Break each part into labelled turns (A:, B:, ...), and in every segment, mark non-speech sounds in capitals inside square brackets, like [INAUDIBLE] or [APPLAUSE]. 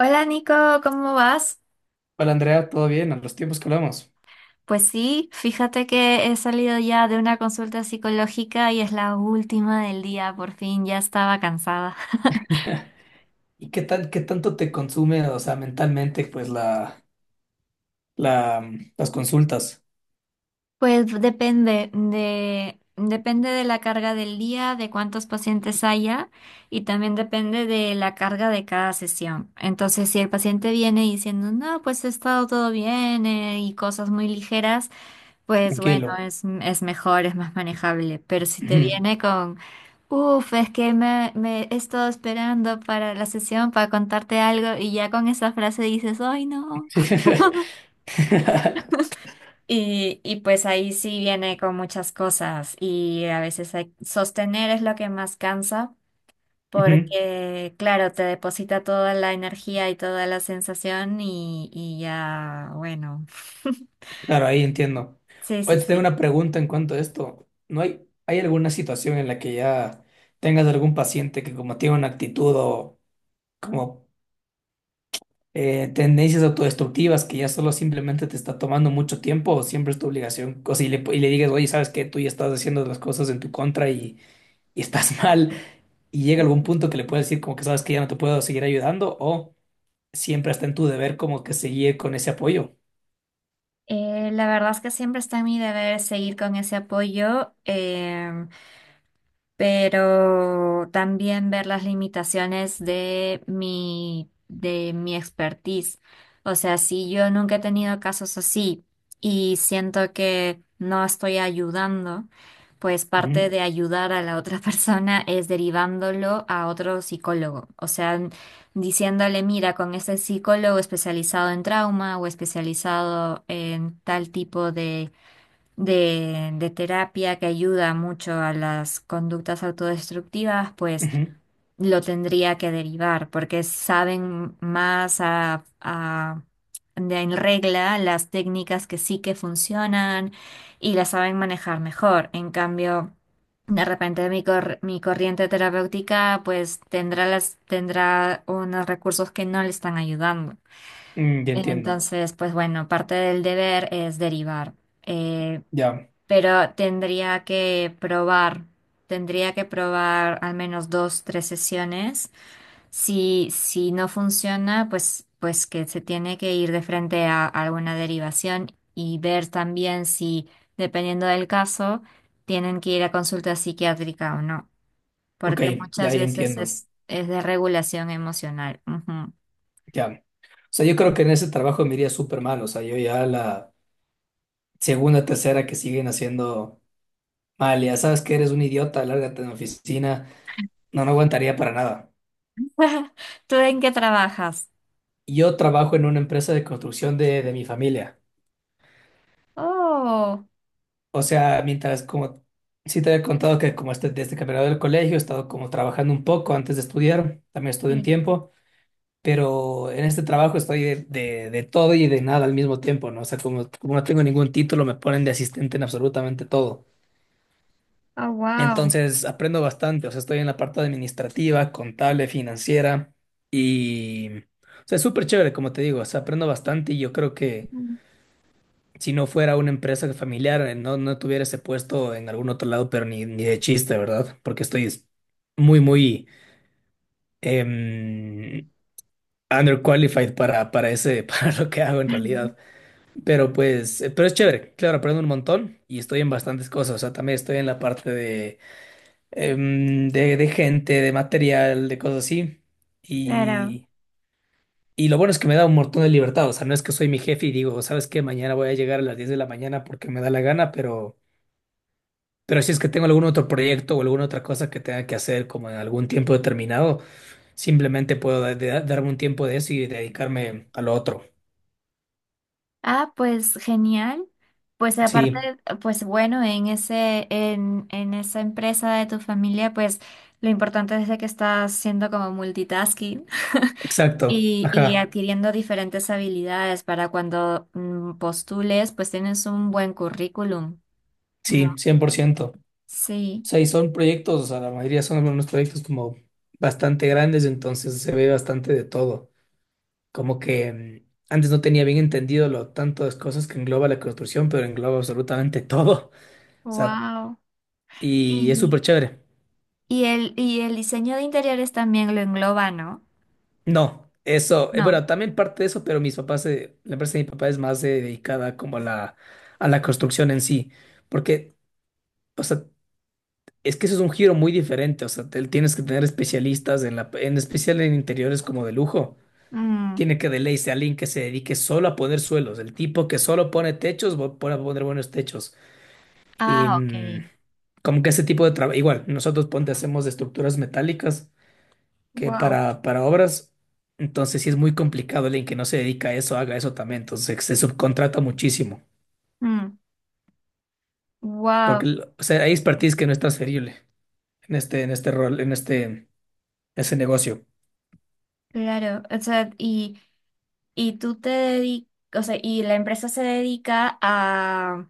A: Hola Nico, ¿cómo vas?
B: Hola Andrea, ¿todo bien? A los tiempos que hablamos.
A: Pues sí, fíjate que he salido ya de una consulta psicológica y es la última del día, por fin ya estaba cansada. [LAUGHS]
B: [LAUGHS] ¿Y qué tanto te consume, o sea, mentalmente, pues las consultas?
A: Pues depende de la carga del día, de cuántos pacientes haya y también depende de la carga de cada sesión. Entonces, si el paciente viene diciendo, no, pues he estado todo bien y cosas muy ligeras, pues bueno,
B: Tranquilo.
A: es mejor, es más manejable. Pero si te
B: Ujú.
A: viene con. Uf, es que me he estado esperando para la sesión para contarte algo y ya con esa frase dices, ¡ay no!
B: Sí. [LAUGHS]
A: Y pues ahí sí viene con muchas cosas y a veces sostener es lo que más cansa
B: Ujú.
A: porque, claro, te deposita toda la energía y toda la sensación y ya, bueno. [LAUGHS]
B: Claro, ahí entiendo.
A: Sí,
B: Hoy
A: sí,
B: te tengo
A: sí.
B: una pregunta en cuanto a esto. ¿No hay, hay alguna situación en la que ya tengas algún paciente que como tiene una actitud o como tendencias autodestructivas que ya solo simplemente te está tomando mucho tiempo o siempre es tu obligación? O si le, y le digas, oye, ¿sabes qué? Tú ya estás haciendo las cosas en tu contra y estás [LAUGHS] mal. Y llega algún punto que le puedes decir como que sabes que ya no te puedo seguir ayudando o siempre está en tu deber como que seguir con ese apoyo.
A: La verdad es que siempre está en mi deber seguir con ese apoyo. Pero también ver las limitaciones de mi expertise. O sea, si yo nunca he tenido casos así y siento que no estoy ayudando, pues parte
B: Ujú,
A: de ayudar a la otra [LAUGHS] persona es derivándolo a otro psicólogo. O sea, diciéndole, mira, con este psicólogo especializado en trauma o especializado en tal tipo de de terapia que ayuda mucho a las conductas autodestructivas, pues
B: ujú.
A: lo tendría que derivar, porque saben más en regla las técnicas que sí que funcionan y las saben manejar mejor. En cambio, de repente mi corriente terapéutica pues tendrá unos recursos que no le están ayudando.
B: Mm, ya entiendo.
A: Entonces, pues bueno, parte del deber es derivar. Eh,
B: Ya.
A: pero tendría que probar al menos dos, tres sesiones. Si, si no funciona, pues que se tiene que ir de frente a alguna derivación y ver también si, dependiendo del caso, tienen que ir a consulta psiquiátrica o no,
B: Ok,
A: porque
B: ya,
A: muchas
B: ya
A: veces
B: entiendo.
A: es de regulación emocional. Ujú.
B: Ya. O sea, yo creo que en ese trabajo me iría súper mal. O sea, yo ya la segunda, tercera que siguen haciendo mal, ya sabes que eres un idiota, lárgate de la oficina. No, no aguantaría para nada.
A: [LAUGHS] ¿Tú en qué trabajas?
B: Yo trabajo en una empresa de construcción de mi familia.
A: Oh,
B: O sea, mientras como sí te había contado que como este, desde que me gradué del colegio he estado como trabajando un poco antes de estudiar, también estudié un
A: sí.
B: tiempo, pero en este trabajo estoy de todo y de nada al mismo tiempo, ¿no? O sea, como no tengo ningún título, me ponen de asistente en absolutamente todo.
A: Oh, wow.
B: Entonces aprendo bastante, o sea, estoy en la parte administrativa, contable, financiera y... O sea, es súper chévere, como te digo, o sea, aprendo bastante y yo creo que si no fuera una empresa familiar, no tuviera ese puesto en algún otro lado, pero ni de chiste, ¿verdad? Porque muy, muy em, underqualified para ese, [LAUGHS] para lo que hago en realidad.
A: [LAUGHS]
B: Pero pues, pero es chévere, claro, aprendo un montón y estoy en bastantes cosas. O sea, también estoy en la parte de gente, de material, de cosas así.
A: Claro.
B: Y, y lo bueno es que me da un montón de libertad. O sea, no es que soy mi jefe y digo, ¿sabes qué? Mañana voy a llegar a las 10 de la mañana porque me da la gana. Pero si es que tengo algún otro proyecto o alguna otra cosa que tenga que hacer como en algún tiempo determinado, simplemente puedo darme un tiempo de eso y dedicarme a lo otro.
A: Ah, pues genial. Pues aparte,
B: Sí,
A: pues bueno, en esa empresa de tu familia, pues lo importante es de que estás siendo como multitasking [LAUGHS]
B: exacto.
A: y
B: Ajá.
A: adquiriendo diferentes habilidades para cuando postules, pues tienes un buen currículum, ¿no?
B: Sí, 100%. O
A: Sí.
B: sea, y son proyectos, o sea, la mayoría son unos proyectos como bastante grandes, entonces se ve bastante de todo. Como que mm, antes no tenía bien entendido lo tanto de cosas que engloba la construcción, pero engloba absolutamente todo. [LAUGHS] O sea,
A: Wow.
B: y es súper
A: Y,
B: chévere.
A: y el diseño de interiores también lo engloba, ¿no?
B: No, eso,
A: No.
B: bueno, también parte de eso, pero mis papás, la empresa de mi papá es más dedicada como a a la construcción en sí, porque, o sea, es que eso es un giro muy diferente, o sea, tienes que tener especialistas en en especial en interiores como de lujo.
A: Mm.
B: Tiene que de ley ser alguien que se dedique solo a poner suelos, el tipo que solo pone techos, va a poner buenos techos. Y
A: Ah, ok.
B: mm, como que ese tipo de trabajo, igual, nosotros ponte hacemos de estructuras metálicas que
A: Wow.
B: para obras, entonces sí es muy complicado alguien que no se dedica a eso haga eso también, entonces se subcontrata muchísimo,
A: Mm.
B: porque
A: Wow.
B: o sea, hay expertise que no es transferible en este rol, en este, ese negocio.
A: Claro, o sea, y tú te dedicas, o sea, y la empresa se dedica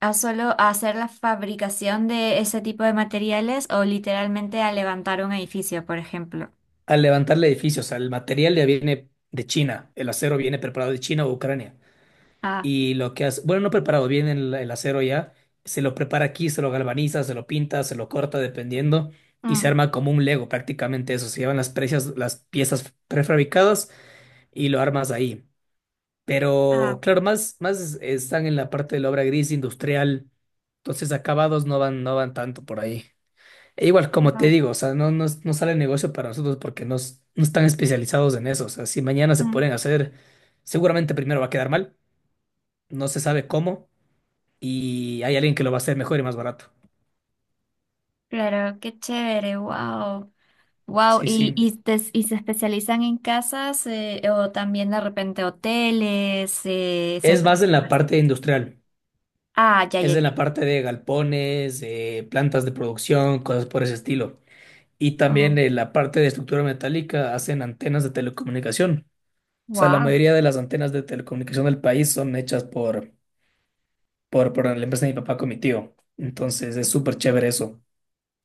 A: a solo a hacer la fabricación de ese tipo de materiales o literalmente a levantar un edificio, por ejemplo.
B: Al levantar el edificio, o sea, el material ya viene de China, el acero viene preparado de China o Ucrania,
A: Ah,
B: y lo que hace, bueno, no preparado, viene el acero ya, se lo prepara aquí, se lo galvaniza, se lo pinta, se lo corta dependiendo. Y se
A: mm,
B: arma como un Lego prácticamente eso. Se llevan las precias, las piezas prefabricadas y lo armas ahí.
A: ah,
B: Pero claro, más están en la parte de la obra gris industrial, entonces acabados no van tanto por ahí. E igual, como te
A: wow.
B: digo, o sea, no sale negocio para nosotros porque no, no están especializados en eso. O sea, si mañana se
A: Mm.
B: pueden hacer, seguramente primero va a quedar mal, no se sabe cómo, y hay alguien que lo va a hacer mejor y más barato.
A: Claro, qué chévere, wow. Wow,
B: Sí, sí.
A: y se especializan en casas o también de repente hoteles,
B: Es
A: centros
B: más en la
A: comerciales.
B: parte industrial,
A: Ah, ya, ya,
B: es
A: ya,
B: en la
A: ya.
B: parte de galpones, plantas de producción, cosas por ese estilo. Y también
A: Oh,
B: en la parte de estructura metálica hacen antenas de telecomunicación. O sea, la
A: wow.
B: mayoría de las antenas de telecomunicación del país son hechas por la empresa de mi papá con mi tío. Entonces es súper chévere eso.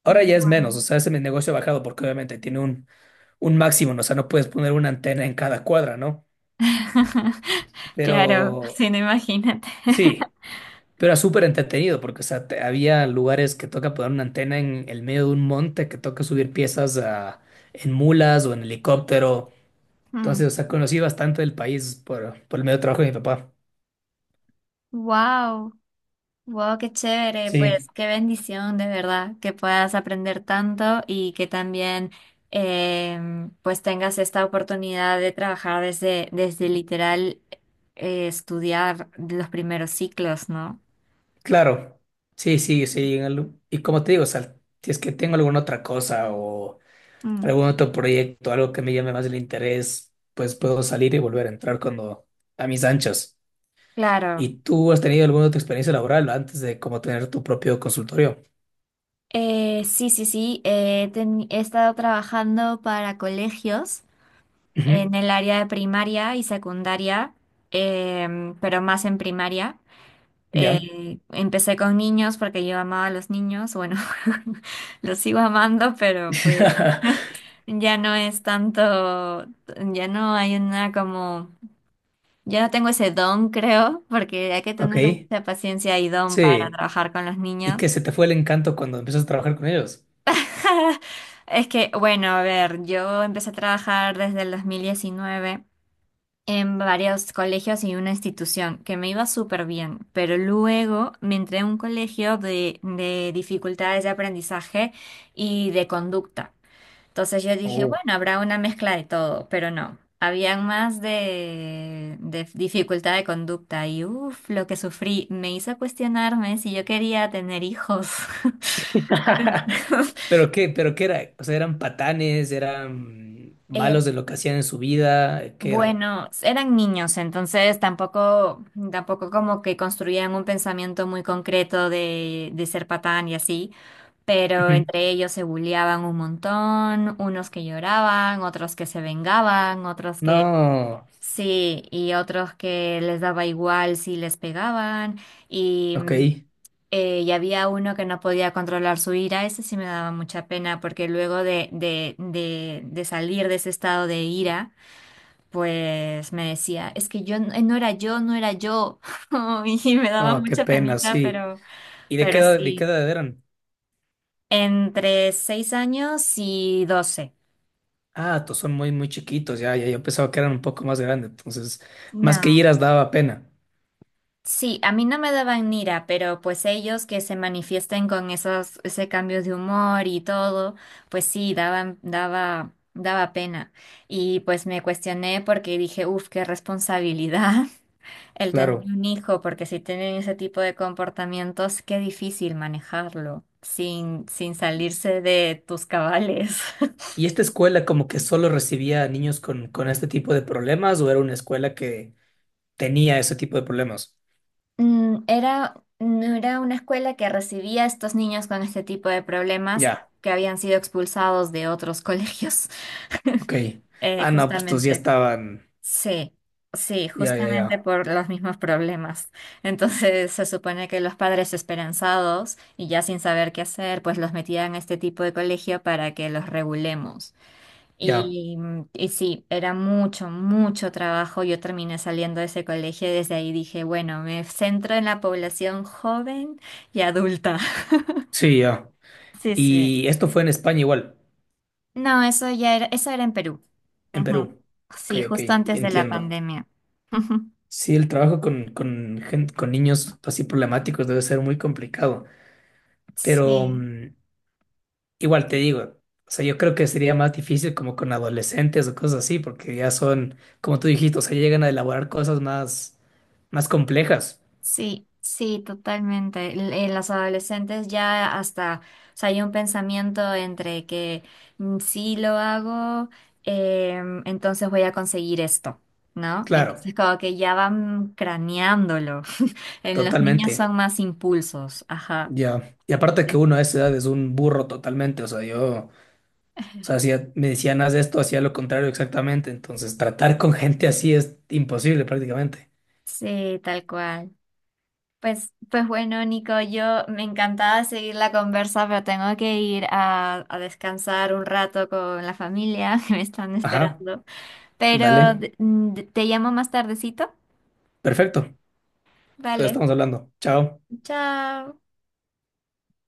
B: Ahora ya es menos, o sea, ese negocio ha bajado porque obviamente tiene un máximo, ¿no? O sea, no puedes poner una antena en cada cuadra, ¿no?
A: [LAUGHS]
B: Pero
A: Claro, sí, no imagínate.
B: sí,
A: [LAUGHS]
B: pero era súper entretenido porque, o sea, había lugares que toca poner una antena en el medio de un monte, que toca subir piezas en mulas o en helicóptero. Entonces, o sea, conocí bastante del país por el medio de trabajo de mi papá.
A: Wow, wow, qué chévere,
B: Sí,
A: pues qué bendición de verdad que puedas aprender tanto y que también pues tengas esta oportunidad de trabajar desde literal estudiar los primeros ciclos, ¿no?
B: claro. Sí, sí, sí. Y como te digo, o sea, si es que tengo alguna otra cosa o
A: Mm,
B: algún otro proyecto, algo que me llame más el interés, pues puedo salir y volver a entrar cuando a mis anchas.
A: claro.
B: ¿Y tú has tenido alguna otra experiencia laboral antes de como tener tu propio consultorio?
A: Sí, sí, sí. He estado trabajando para colegios.
B: Ujú.
A: En el área de primaria y secundaria, pero más en primaria.
B: Ya.
A: Empecé con niños porque yo amaba a los niños, bueno, [LAUGHS] los sigo amando, pero pues
B: [LAUGHS]
A: [LAUGHS] ya no es tanto, ya no hay una como, ya no tengo ese don, creo, porque hay que
B: Ok,
A: tener mucha paciencia y don para
B: sí.
A: trabajar con los
B: ¿Y
A: niños.
B: que se te fue el encanto cuando empezaste a trabajar con ellos?
A: [LAUGHS] Es que, bueno, a ver, yo empecé a trabajar desde el 2019 en varios colegios y una institución que me iba súper bien, pero luego me entré a un colegio de dificultades de aprendizaje y de conducta. Entonces yo dije,
B: Oh.
A: bueno, habrá una mezcla de todo, pero no. Habían más de dificultad de conducta y uff, lo que sufrí me hizo cuestionarme si yo quería tener hijos.
B: [LAUGHS]
A: [LAUGHS]
B: ¿Pero qué? ¿Pero qué era? O sea, ¿eran patanes? ¿Eran
A: Eh,
B: malos de lo que hacían en su vida? ¿Qué eran?
A: Bueno, eran niños, entonces tampoco como que construían un pensamiento muy concreto de ser patán y así, pero
B: Ujú.
A: entre ellos se bulleaban un montón, unos que lloraban, otros que se vengaban, otros que
B: No,
A: sí, y otros que les daba igual si les pegaban, y,
B: ok.
A: mm, y había uno que no podía controlar su ira, ese sí me daba mucha pena, porque luego de salir de ese estado de ira, pues me decía, es que yo no era yo, no era yo. [LAUGHS] Y me daba
B: No, qué
A: mucha
B: pena,
A: penita,
B: sí. ¿Y de qué
A: pero
B: edad, de qué
A: sí,
B: edad eran?
A: entre 6 años y 12.
B: Ah, todos son muy chiquitos, ya, ya, yo pensaba que eran un poco más grandes, entonces, más que
A: No,
B: iras daba pena,
A: sí, a mí no me daban ira, pero pues ellos que se manifiesten con ese cambio de humor y todo, pues sí, daba pena. Y pues me cuestioné porque dije, uff, qué responsabilidad. El tener
B: claro.
A: un hijo, porque si tienen ese tipo de comportamientos, qué difícil manejarlo sin salirse de tus cabales. [LAUGHS]
B: ¿Y esta escuela como que solo recibía a niños con este tipo de problemas o era una escuela que tenía ese tipo de problemas?
A: Mm, no era una escuela que recibía a estos niños con este tipo de problemas
B: Ya,
A: que habían sido expulsados de otros colegios,
B: ok.
A: [LAUGHS]
B: Ah, no, pues estos ya
A: justamente.
B: estaban,
A: Sí, sí,
B: ya, ya,
A: justamente
B: ya,
A: por los mismos problemas. Entonces se supone que los padres esperanzados y ya sin saber qué hacer, pues los metían a este tipo de colegio para que los regulemos.
B: ya,
A: Y sí, era mucho, mucho trabajo. Yo terminé saliendo de ese colegio y desde ahí dije, bueno, me centro en la población joven y adulta. [LAUGHS]
B: sí, ya.
A: Sí, sí.
B: Y esto fue en España igual,
A: No, eso era en Perú.
B: en
A: Ujú.
B: Perú. Ok,
A: Sí,
B: ok,
A: justo antes de la
B: entiendo.
A: pandemia. [LAUGHS]
B: Sí, el trabajo con niños así problemáticos debe ser muy complicado, pero
A: Sí.
B: mm, igual te digo, o sea, yo creo que sería más difícil como con adolescentes o cosas así, porque ya son, como tú dijiste, o sea, llegan a elaborar más complejas.
A: Sí, sí, totalmente. En las adolescentes ya hasta, o sea, hay un pensamiento entre que si lo hago, entonces voy a conseguir esto, ¿no?
B: Claro,
A: Entonces como que ya van craneándolo. [LAUGHS] En los niños
B: totalmente.
A: son más impulsos, ajá.
B: Ya. Y aparte que uno a esa edad es un burro totalmente, o sea, yo... O sea, me decían, haz esto, hacía lo contrario exactamente. Entonces, tratar con gente así es imposible prácticamente.
A: Sí, tal cual. Pues bueno, Nico, yo me encantaba seguir la conversa, pero tengo que ir a descansar un rato con la familia [LAUGHS] que me están
B: Ajá,
A: esperando. Pero
B: dale.
A: te llamo más tardecito.
B: Perfecto. Entonces
A: Vale,
B: estamos hablando. Chao.
A: chao.